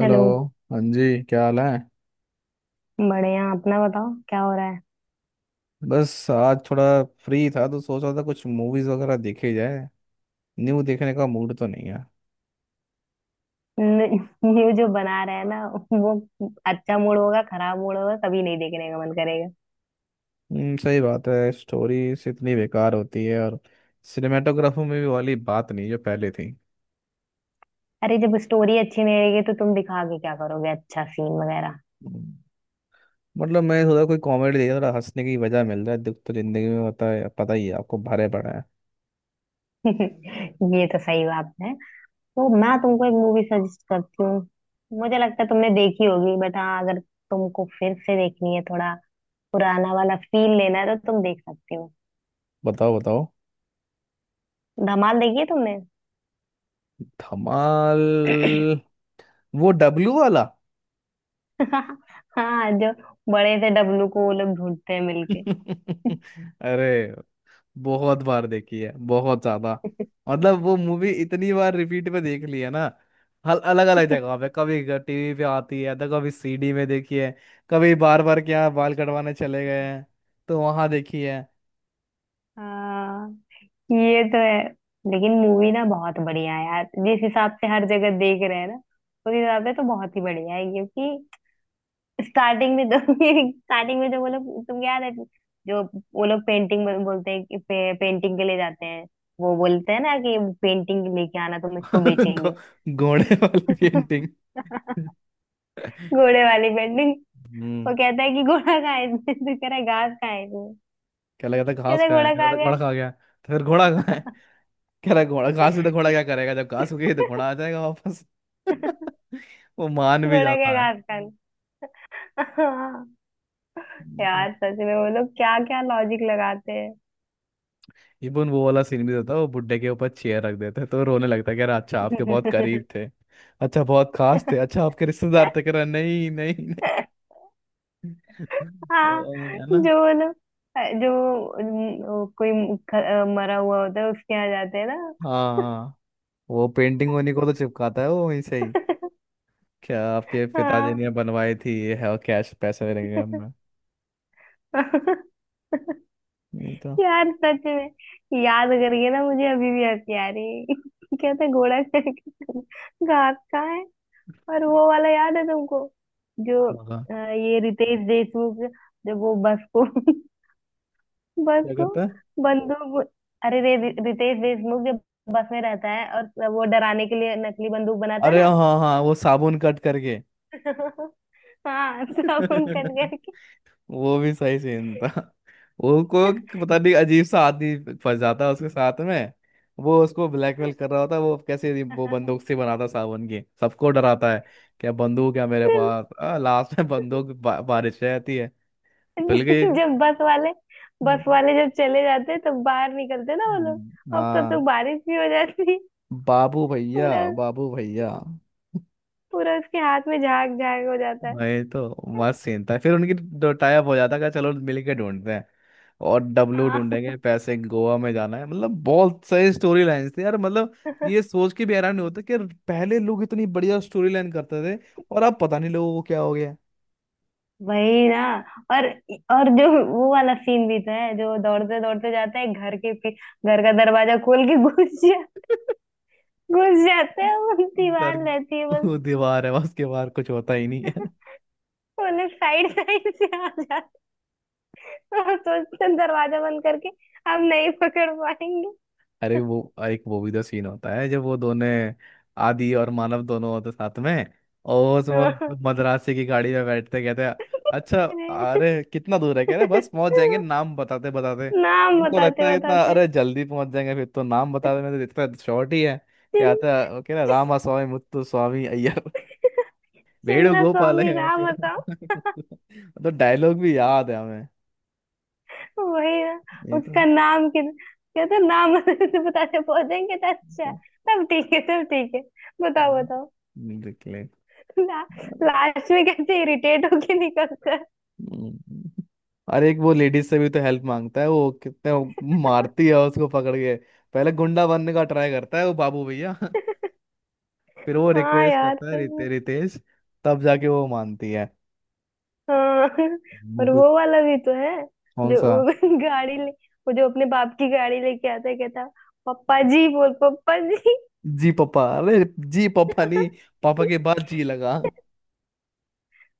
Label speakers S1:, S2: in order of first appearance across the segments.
S1: Hello.
S2: Hello.
S1: हाँ जी, क्या हाल है?
S2: बढ़िया, अपना बताओ क्या हो रहा है।
S1: बस आज थोड़ा फ्री था तो सोच रहा था कुछ मूवीज वगैरह देखी जाए। न्यू देखने का मूड तो नहीं है।
S2: ये जो बना रहा है ना वो, अच्छा मूड होगा खराब मूड होगा कभी नहीं देखने का मन करेगा।
S1: सही बात है। स्टोरीज इतनी बेकार होती है, और सिनेमेटोग्राफी में भी वाली बात नहीं जो पहले थी।
S2: अरे जब स्टोरी अच्छी नहीं रहेगी तो तुम दिखा के क्या करोगे अच्छा सीन वगैरह।
S1: हम्म, मतलब मैं थोड़ा कोई कॉमेडी देखा, थोड़ा हंसने की वजह मिल रहा है। दुख तो जिंदगी में होता है, पता ही है आपको, भरे पड़ा है।
S2: ये तो सही बात है। तो मैं तुमको एक मूवी सजेस्ट करती हूँ। मुझे लगता है तुमने देखी होगी बट हाँ, अगर तुमको फिर से देखनी है थोड़ा पुराना वाला फील लेना है तो तुम देख सकती हो।
S1: बताओ बताओ।
S2: धमाल देखी है तुमने?
S1: धमाल। वो डब्लू वाला?
S2: हाँ, जो बड़े से डब्लू को वो लोग ढूंढते हैं मिलके।
S1: अरे, बहुत बार देखी है, बहुत ज्यादा। मतलब वो मूवी इतनी बार रिपीट पे देख ली है ना। हल अलग अलग जगह पे, कभी टीवी पे आती है तो कभी सीडी में देखी है। कभी बार बार क्या बाल कटवाने चले गए हैं तो वहां देखी है।
S2: हाँ, ये तो है। लेकिन मूवी ना बहुत बढ़िया है यार। जिस हिसाब से हर जगह देख रहे हैं ना उस हिसाब से तो बहुत ही बढ़िया है, क्योंकि स्टार्टिंग में तो स्टार्टिंग में जो वो लोग, तुम याद है जो वो लोग पेंटिंग बोलते हैं कि पेंटिंग के लिए जाते हैं। वो बोलते हैं ना कि पेंटिंग लेके आना तुम इसको
S1: घो-
S2: बेचेंगे।
S1: घोड़े वाली पेंटिंग।
S2: घोड़े वाली पेंटिंग।
S1: हम्म।
S2: वो कहता है कि घोड़ा खाए थे तो कह रहा है घास खाए थे।
S1: क्या लगा था घास
S2: कहता है
S1: खाया?
S2: घोड़ा
S1: क्या
S2: खा
S1: लगा था
S2: गया।
S1: घोड़ा खा गया? तो फिर घोड़ा कहाँ है? कह रहा है, घोड़ा घास से तो घोड़ा क्या करेगा, जब घास उगेगी तो घोड़ा आ जाएगा वापस। वो मान भी
S2: घोड़ा क्या
S1: जाता
S2: घास खा गया?
S1: है।
S2: यार सच में वो लोग क्या क्या लॉजिक लगाते हैं।
S1: इवन वो वाला सीन भी होता है, वो बुड्ढे के ऊपर चेयर रख देते हैं, तो रोने लगता है कि अरे, अच्छा आपके बहुत करीब थे, अच्छा बहुत खास थे, अच्छा आपके रिश्तेदार थे। कह रहा नहीं नहीं नहीं।
S2: हाँ,
S1: ओ, है ना।
S2: जो वो लोग, जो वो कोई मरा हुआ होता है उसके यहाँ जाते हैं ना।
S1: हाँ। वो पेंटिंग उन्हीं को तो चिपकाता है वो, वहीं से ही, क्या आपके पिताजी
S2: हाँ।
S1: ने बनवाई थी ये है, और कैश पैसे मिलेंगे हमें। नहीं तो।
S2: यार सच में याद करके ना मुझे अभी भी हंसी आ रही है। क्या था घोड़ा चढ़ के, घास कहाँ है। और वो वाला याद है तुमको, जो
S1: हाँ।
S2: ये रितेश देशमुख, जब वो बस को बस
S1: क्या
S2: को
S1: करता है?
S2: बंदूक। अरे रे रितेश देशमुख जब बस में रहता है और वो डराने के लिए नकली बंदूक बनाता है
S1: अरे
S2: ना।
S1: हाँ हाँ, वो साबुन कट करके।
S2: हाँ सब उनकन करके।
S1: वो भी सही सीन था। वो को पता नहीं, अजीब सा आदमी, फंस जाता है उसके साथ में। वो उसको ब्लैकमेल कर रहा होता है, वो कैसे, वो बंदूक से बनाता साबुन की, सबको डराता है। क्या बंदूक है मेरे पास? लास्ट में बंदूक बारिश हो जाती है। धुल गई।
S2: जब बस वाले बस
S1: हम्म।
S2: वाले जब चले जाते हैं तब बाहर निकलते ना वो लोग। अब तब तो
S1: हाँ।
S2: बारिश भी हो जाती है।
S1: बाबू भैया।
S2: पूरा
S1: बाबू भैया।
S2: पूरा उसके हाथ में झाग झाग हो जाता है।
S1: वही तो मस्त सीन था। फिर उनकी दो टाइप हो जाता है, कहा, चलो मिल के ढूंढते हैं और डब्लू ढूंढेंगे,
S2: हाँ।
S1: पैसे गोवा में जाना है। मतलब बहुत सही स्टोरी लाइंस थी यार, मतलब ये सोच के भी हैरान नहीं होता कि यार पहले लोग इतनी बढ़िया स्टोरी लाइन करते थे, और अब पता नहीं लोगों को क्या हो गया।
S2: वही ना। और और जो वो वाला सीन भी तो है, जो दौड़ते दौड़ते जाता है घर के घर का दरवाजा खोल के घुस जा, घुस जाते हैं वो।
S1: डर।
S2: दीवार रहती है बस।
S1: वो दीवार है, उसके बाहर कुछ होता ही नहीं है।
S2: वो लोग साइड साइड से आ जाते हैं। वो सोचते हैं दरवाजा बंद करके हम नहीं पकड़ पाएंगे।
S1: अरे वो एक वो भी तो सीन होता है, जब वो दोनों, आदि और मानव, दोनों होते साथ में, और उसमें
S2: हाँ।
S1: मद्रासी की गाड़ी में बैठते, कहते हैं, अच्छा
S2: अरे
S1: अरे कितना दूर है? कह रहे बस पहुंच जाएंगे नाम बताते बताते।
S2: नाम
S1: उनको
S2: बताते
S1: लगता है इतना,
S2: बताते,
S1: अरे जल्दी पहुंच जाएंगे, फिर तो नाम बताते में तो इतना शॉर्ट ही है।
S2: चिन
S1: कहता है वो, कह रहा, रामा स्वामी मुत्तु स्वामी अय्यर वेणु
S2: चिन्ना
S1: गोपाल
S2: स्वामी
S1: है।
S2: राम बताओ।
S1: तो डायलॉग भी याद है हमें।
S2: वही ना।
S1: ये तो।
S2: उसका नाम कि कहते हैं, नाम बताते तो बताते पहुंचेंगे तो अच्छा। तब ठीक है, तब ठीक है, बताओ बताओ।
S1: निकले।
S2: ला, लास्ट में कैसे इरिटेट होके निकलता है।
S1: हम्म। और एक वो लेडीज से भी तो हेल्प मांगता है, वो कितने वो, मारती है उसको पकड़ के। पहले गुंडा बनने का ट्राई करता है वो बाबू भैया, फिर वो
S2: हाँ
S1: रिक्वेस्ट
S2: यार
S1: करता है
S2: सही है।
S1: रितेश। तब जाके वो मानती है।
S2: हाँ। और
S1: मूवी।
S2: वो वाला भी तो है,
S1: कौन
S2: जो
S1: सा?
S2: वो गाड़ी ले, वो जो अपने बाप की गाड़ी लेके आता है, कहता पप्पा जी बोल पप्पा जी।
S1: जी पापा, अरे जी पापा नहीं, पापा के बाद जी लगा।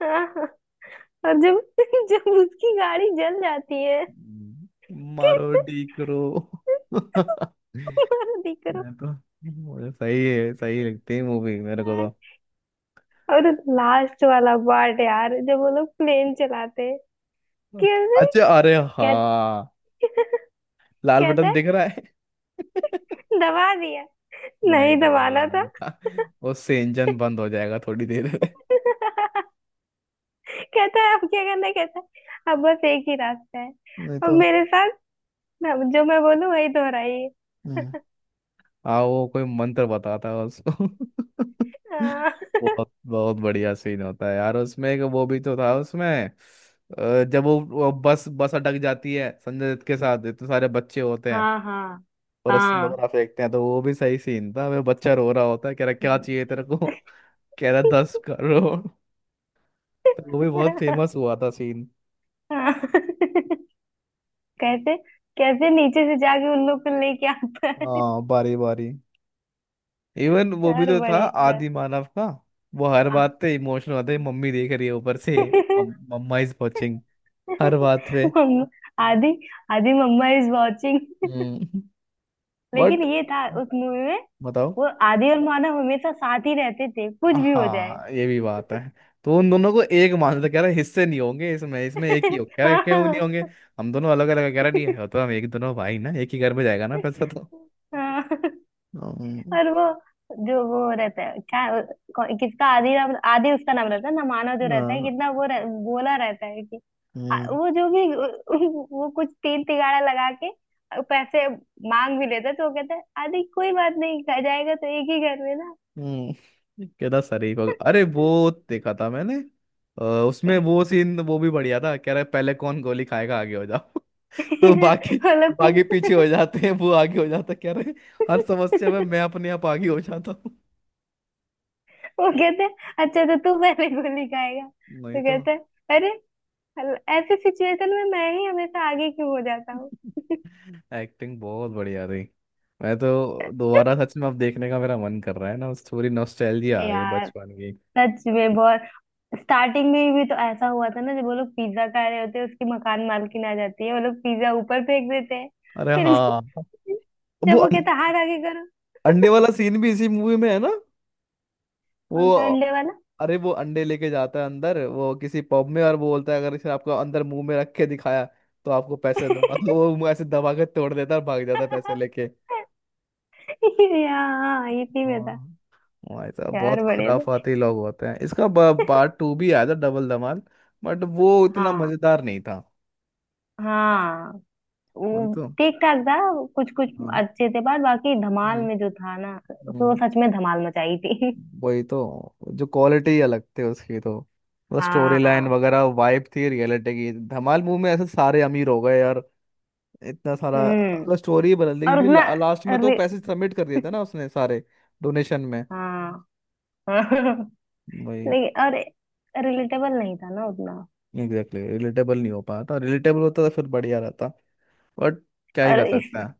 S2: और जब जब उसकी गाड़ी जल जाती है,
S1: हम्म। मारो
S2: कहते
S1: डी करो। मैं
S2: "तुम्हारा दिख रहा
S1: तो, मुझे सही है, सही लगती है मूवी मेरे को।
S2: है।" और लास्ट वाला पार्ट यार, जब वो लोग प्लेन चलाते हैं,
S1: तो।
S2: कहते
S1: अच्छा, अरे
S2: कहते
S1: हाँ। लाल
S2: कहता
S1: बटन
S2: है
S1: दिख रहा है।
S2: दबा दिया।
S1: नहीं
S2: नहीं दबाना था।
S1: दबाना था। वो से इंजन बंद हो जाएगा थोड़ी देर में।
S2: कहता है अब क्या करना है?" कहता है अब बस एक ही रास्ता है।
S1: नहीं
S2: अब
S1: तो।
S2: मेरे साथ जो मैं बोलूं वही दोहराइए।
S1: हम्म। हाँ, वो कोई मंत्र बताता है उसको।
S2: हाँ
S1: बहुत बहुत बढ़िया सीन होता है यार, उसमें एक वो भी तो था उसमें, जब वो बस बस अटक जाती है संजय दत्त के साथ, इतने सारे बच्चे होते हैं
S2: हाँ हाँ।
S1: और रस्सी वगैरह फेंकते हैं, तो वो भी सही सीन था। वह बच्चा रो रहा होता है, कह रहा क्या चाहिए तेरे को? कह रहा 10 करोड़। तो वो भी बहुत फेमस हुआ था सीन।
S2: हाँ। हाँ। कैसे कैसे नीचे से जाके उन लोग को लेके आता है।
S1: हाँ बारी बारी। इवन वो भी
S2: यार
S1: तो था
S2: बड़े सर।
S1: आदि मानव का। वो हर बात पे इमोशनल होता है, मम्मी देख रही है ऊपर से, मम्मा इज वॉचिंग, हर बात पे।
S2: मम्मा आदि आदि मम्मा इज वॉचिंग।
S1: हम्म।
S2: लेकिन
S1: बट
S2: ये था उस मूवी में।
S1: बताओ।
S2: वो आदि और मानव हमेशा साथ ही रहते थे कुछ भी हो जाए।
S1: हाँ, ये भी बात है। तो उन दोनों को एक मान, कह रहा है, हिस्से नहीं होंगे, इसमें इसमें एक ही हो, कह रहा है, क्यों नहीं होंगे, हम दोनों अलग अलग, कह रहा नहीं है, तो हम एक, दोनों भाई ना, एक ही घर में जाएगा ना पैसा तो।
S2: हाँ हाँ।
S1: हम्म,
S2: और वो, जो वो रहता है क्या, किसका आदि नाम, आदि उसका नाम रहता है ना, मानव जो रहता है
S1: हाँ,
S2: कितना वो बोला रहता है कि
S1: हम्म,
S2: वो जो भी वो कुछ तीन तिगाड़ा लगा के पैसे मांग भी लेता है, तो वो कहता है आदि कोई बात नहीं, खा जाएगा तो एक ही घर में ना।
S1: हम्म। कहता सरी को, अरे वो देखा था मैंने, अ, उसमें वो सीन वो भी बढ़िया था, कह रहा है पहले कौन गोली खाएगा, आगे हो जाओ। तो बाकी,
S2: वो लोग भी
S1: बाकी पीछे हो जाते हैं, वो आगे हो जाता है, कह रहे हर समस्या में मैं अपने आप आगे हो जाता हूँ।
S2: वो कहते हैं अच्छा तो तू पहले गोली खाएगा,
S1: नहीं
S2: तो
S1: तो।
S2: कहता है अरे, ऐसे सिचुएशन में मैं ही हमेशा आगे क्यों हो जाता हूँ।
S1: एक्टिंग बहुत बढ़िया थी। मैं तो दोबारा सच में अब देखने का मेरा मन कर रहा है ना उस, थोड़ी नॉस्टैल्जिया आ गई
S2: यार
S1: बचपन की।
S2: सच में बहुत। स्टार्टिंग में भी तो ऐसा हुआ था ना, जब वो लोग पिज्जा खा रहे होते हैं उसकी मकान मालकिन आ जाती है वो लोग पिज्जा ऊपर फेंक देते हैं।
S1: अरे
S2: फिर
S1: हाँ, वो
S2: जब वो कहता हाथ आगे करो।
S1: अंडे वाला सीन भी इसी मूवी में है ना।
S2: कौन सा
S1: वो।
S2: अंडे वाला?
S1: अरे वो अंडे लेके जाता है अंदर वो किसी पब में, और वो बोलता है अगर इसे आपको अंदर मुंह में रख के दिखाया तो आपको पैसे दूंगा। तो वो मुंह ऐसे दबा के तोड़ देता है और भाग जाता है पैसे लेके।
S2: हाँ इसी में था।
S1: हाँ, भाई साहब बहुत
S2: यार बड़े थे।
S1: खुराफाती लोग होते हैं इसका। पार्ट टू भी आया था, डबल धमाल, बट वो इतना
S2: हाँ।
S1: मजेदार नहीं था।
S2: हाँ।
S1: वही
S2: वो
S1: तो।
S2: ठीक ठाक था। कुछ कुछ
S1: हाँ।
S2: अच्छे थे पर बाकी धमाल
S1: हम्म,
S2: में जो था ना तो वो
S1: हम्म।
S2: सच में धमाल मचाई थी।
S1: वही तो, जो क्वालिटी अलग थी उसकी, तो मतलब स्टोरी लाइन
S2: हाँ।
S1: वगैरह, वाइब थी रियलिटी की। धमाल मूवी में ऐसे सारे अमीर हो गए यार, इतना सारा,
S2: हम्म।
S1: मतलब स्टोरी बदल दी,
S2: और
S1: क्योंकि
S2: उतना
S1: लास्ट में तो
S2: अरे
S1: पैसे सबमिट कर दिए थे ना उसने सारे, डोनेशन में।
S2: हाँ।
S1: वही।
S2: लेकिन और रिलेटेबल नहीं था ना उतना।
S1: एग्जैक्टली रिलेटेबल नहीं हो पाया था। रिलेटेबल होता तो फिर बढ़िया रहता। बट क्या ही
S2: और
S1: कर
S2: इस
S1: सकता है।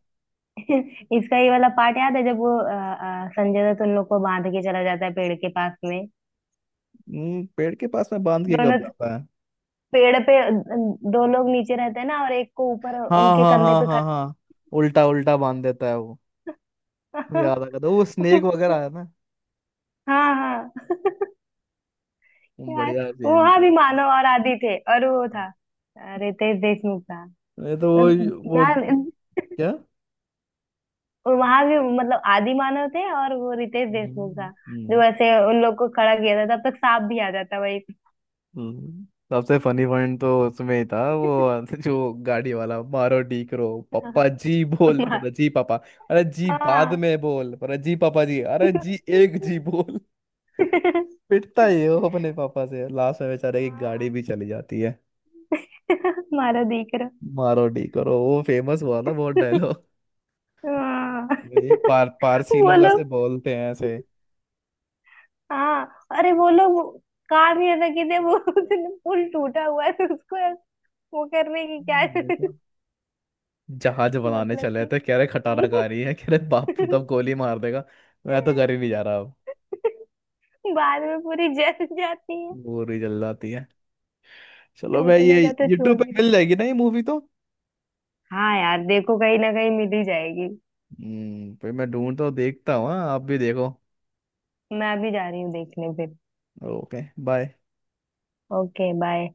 S2: इसका ये वाला पार्ट याद है, जब वो संजय दत्त उन लोग को बांध के चला जाता है पेड़ के पास में।
S1: पेड़ के पास में बांध के कब
S2: दोनों
S1: जाता है?
S2: पेड़ पे, दो लोग नीचे रहते हैं ना और एक को ऊपर
S1: हाँ
S2: उनके
S1: हाँ
S2: कंधे
S1: हाँ
S2: पे
S1: हाँ
S2: खड़ा।
S1: हाँ। उल्टा उल्टा बांध देता है वो। मुझे याद आ गया था, वो स्नेक वगैरह आया ना।
S2: हाँ हाँ।
S1: वो
S2: यार
S1: बढ़िया सीन
S2: वहां
S1: था
S2: भी
S1: उसमें।
S2: मानव और आदि थे और वो था रितेश देशमुख था।
S1: ये तो वो,
S2: यार
S1: क्या।
S2: वहां भी मतलब आदि मानव थे और वो रितेश देशमुख था,
S1: हम्म।
S2: जो ऐसे उन लोग को खड़ा किया था तब तक सांप भी आ जाता वही।
S1: हम्म, सबसे फनी पॉइंट तो उसमें ही था, वो जो गाड़ी वाला, मारो डीक रो, पप्पा जी बोल,
S2: हाँ
S1: मतलब जी पापा, अरे जी बाद
S2: हाँ।
S1: में बोल, अरे जी पापा जी, अरे जी एक जी बोल। पिटता ही है वो अपने पापा से, लास्ट में बेचारे की गाड़ी भी चली जाती है।
S2: मारा देख रहा।
S1: मारो डीक रो वो फेमस हुआ था बहुत डायलॉग।
S2: हाँ।
S1: ये पारसी
S2: वो
S1: लोग ऐसे
S2: लोग,
S1: बोलते हैं ऐसे।
S2: हाँ, अरे वो लोग काम ही ऐसा किए थे। वो उसने पुल टूटा हुआ है तो उसको वो करने की क्या।
S1: ये तो जहाज बनाने
S2: मतलब
S1: चले
S2: कि
S1: थे, कह रहे खटारा खा रही है, कह रहे बापू तब गोली मार देगा, मैं तो घर ही नहीं जा रहा अब।
S2: बाद में पूरी जल जाती है।
S1: वो रही जल जाती है। चलो, मैं
S2: टूटने
S1: ये
S2: का तो छोड़
S1: यूट्यूब
S2: ही
S1: पे मिल
S2: दो।
S1: जाएगी ना ये मूवी तो।
S2: हाँ यार देखो कहीं ना कहीं मिल ही जाएगी।
S1: हम्म, फिर मैं ढूंढता हूँ देखता हूँ, हाँ आप भी देखो।
S2: मैं अभी जा रही हूँ देखने फिर।
S1: Okay bye.
S2: Okay bye.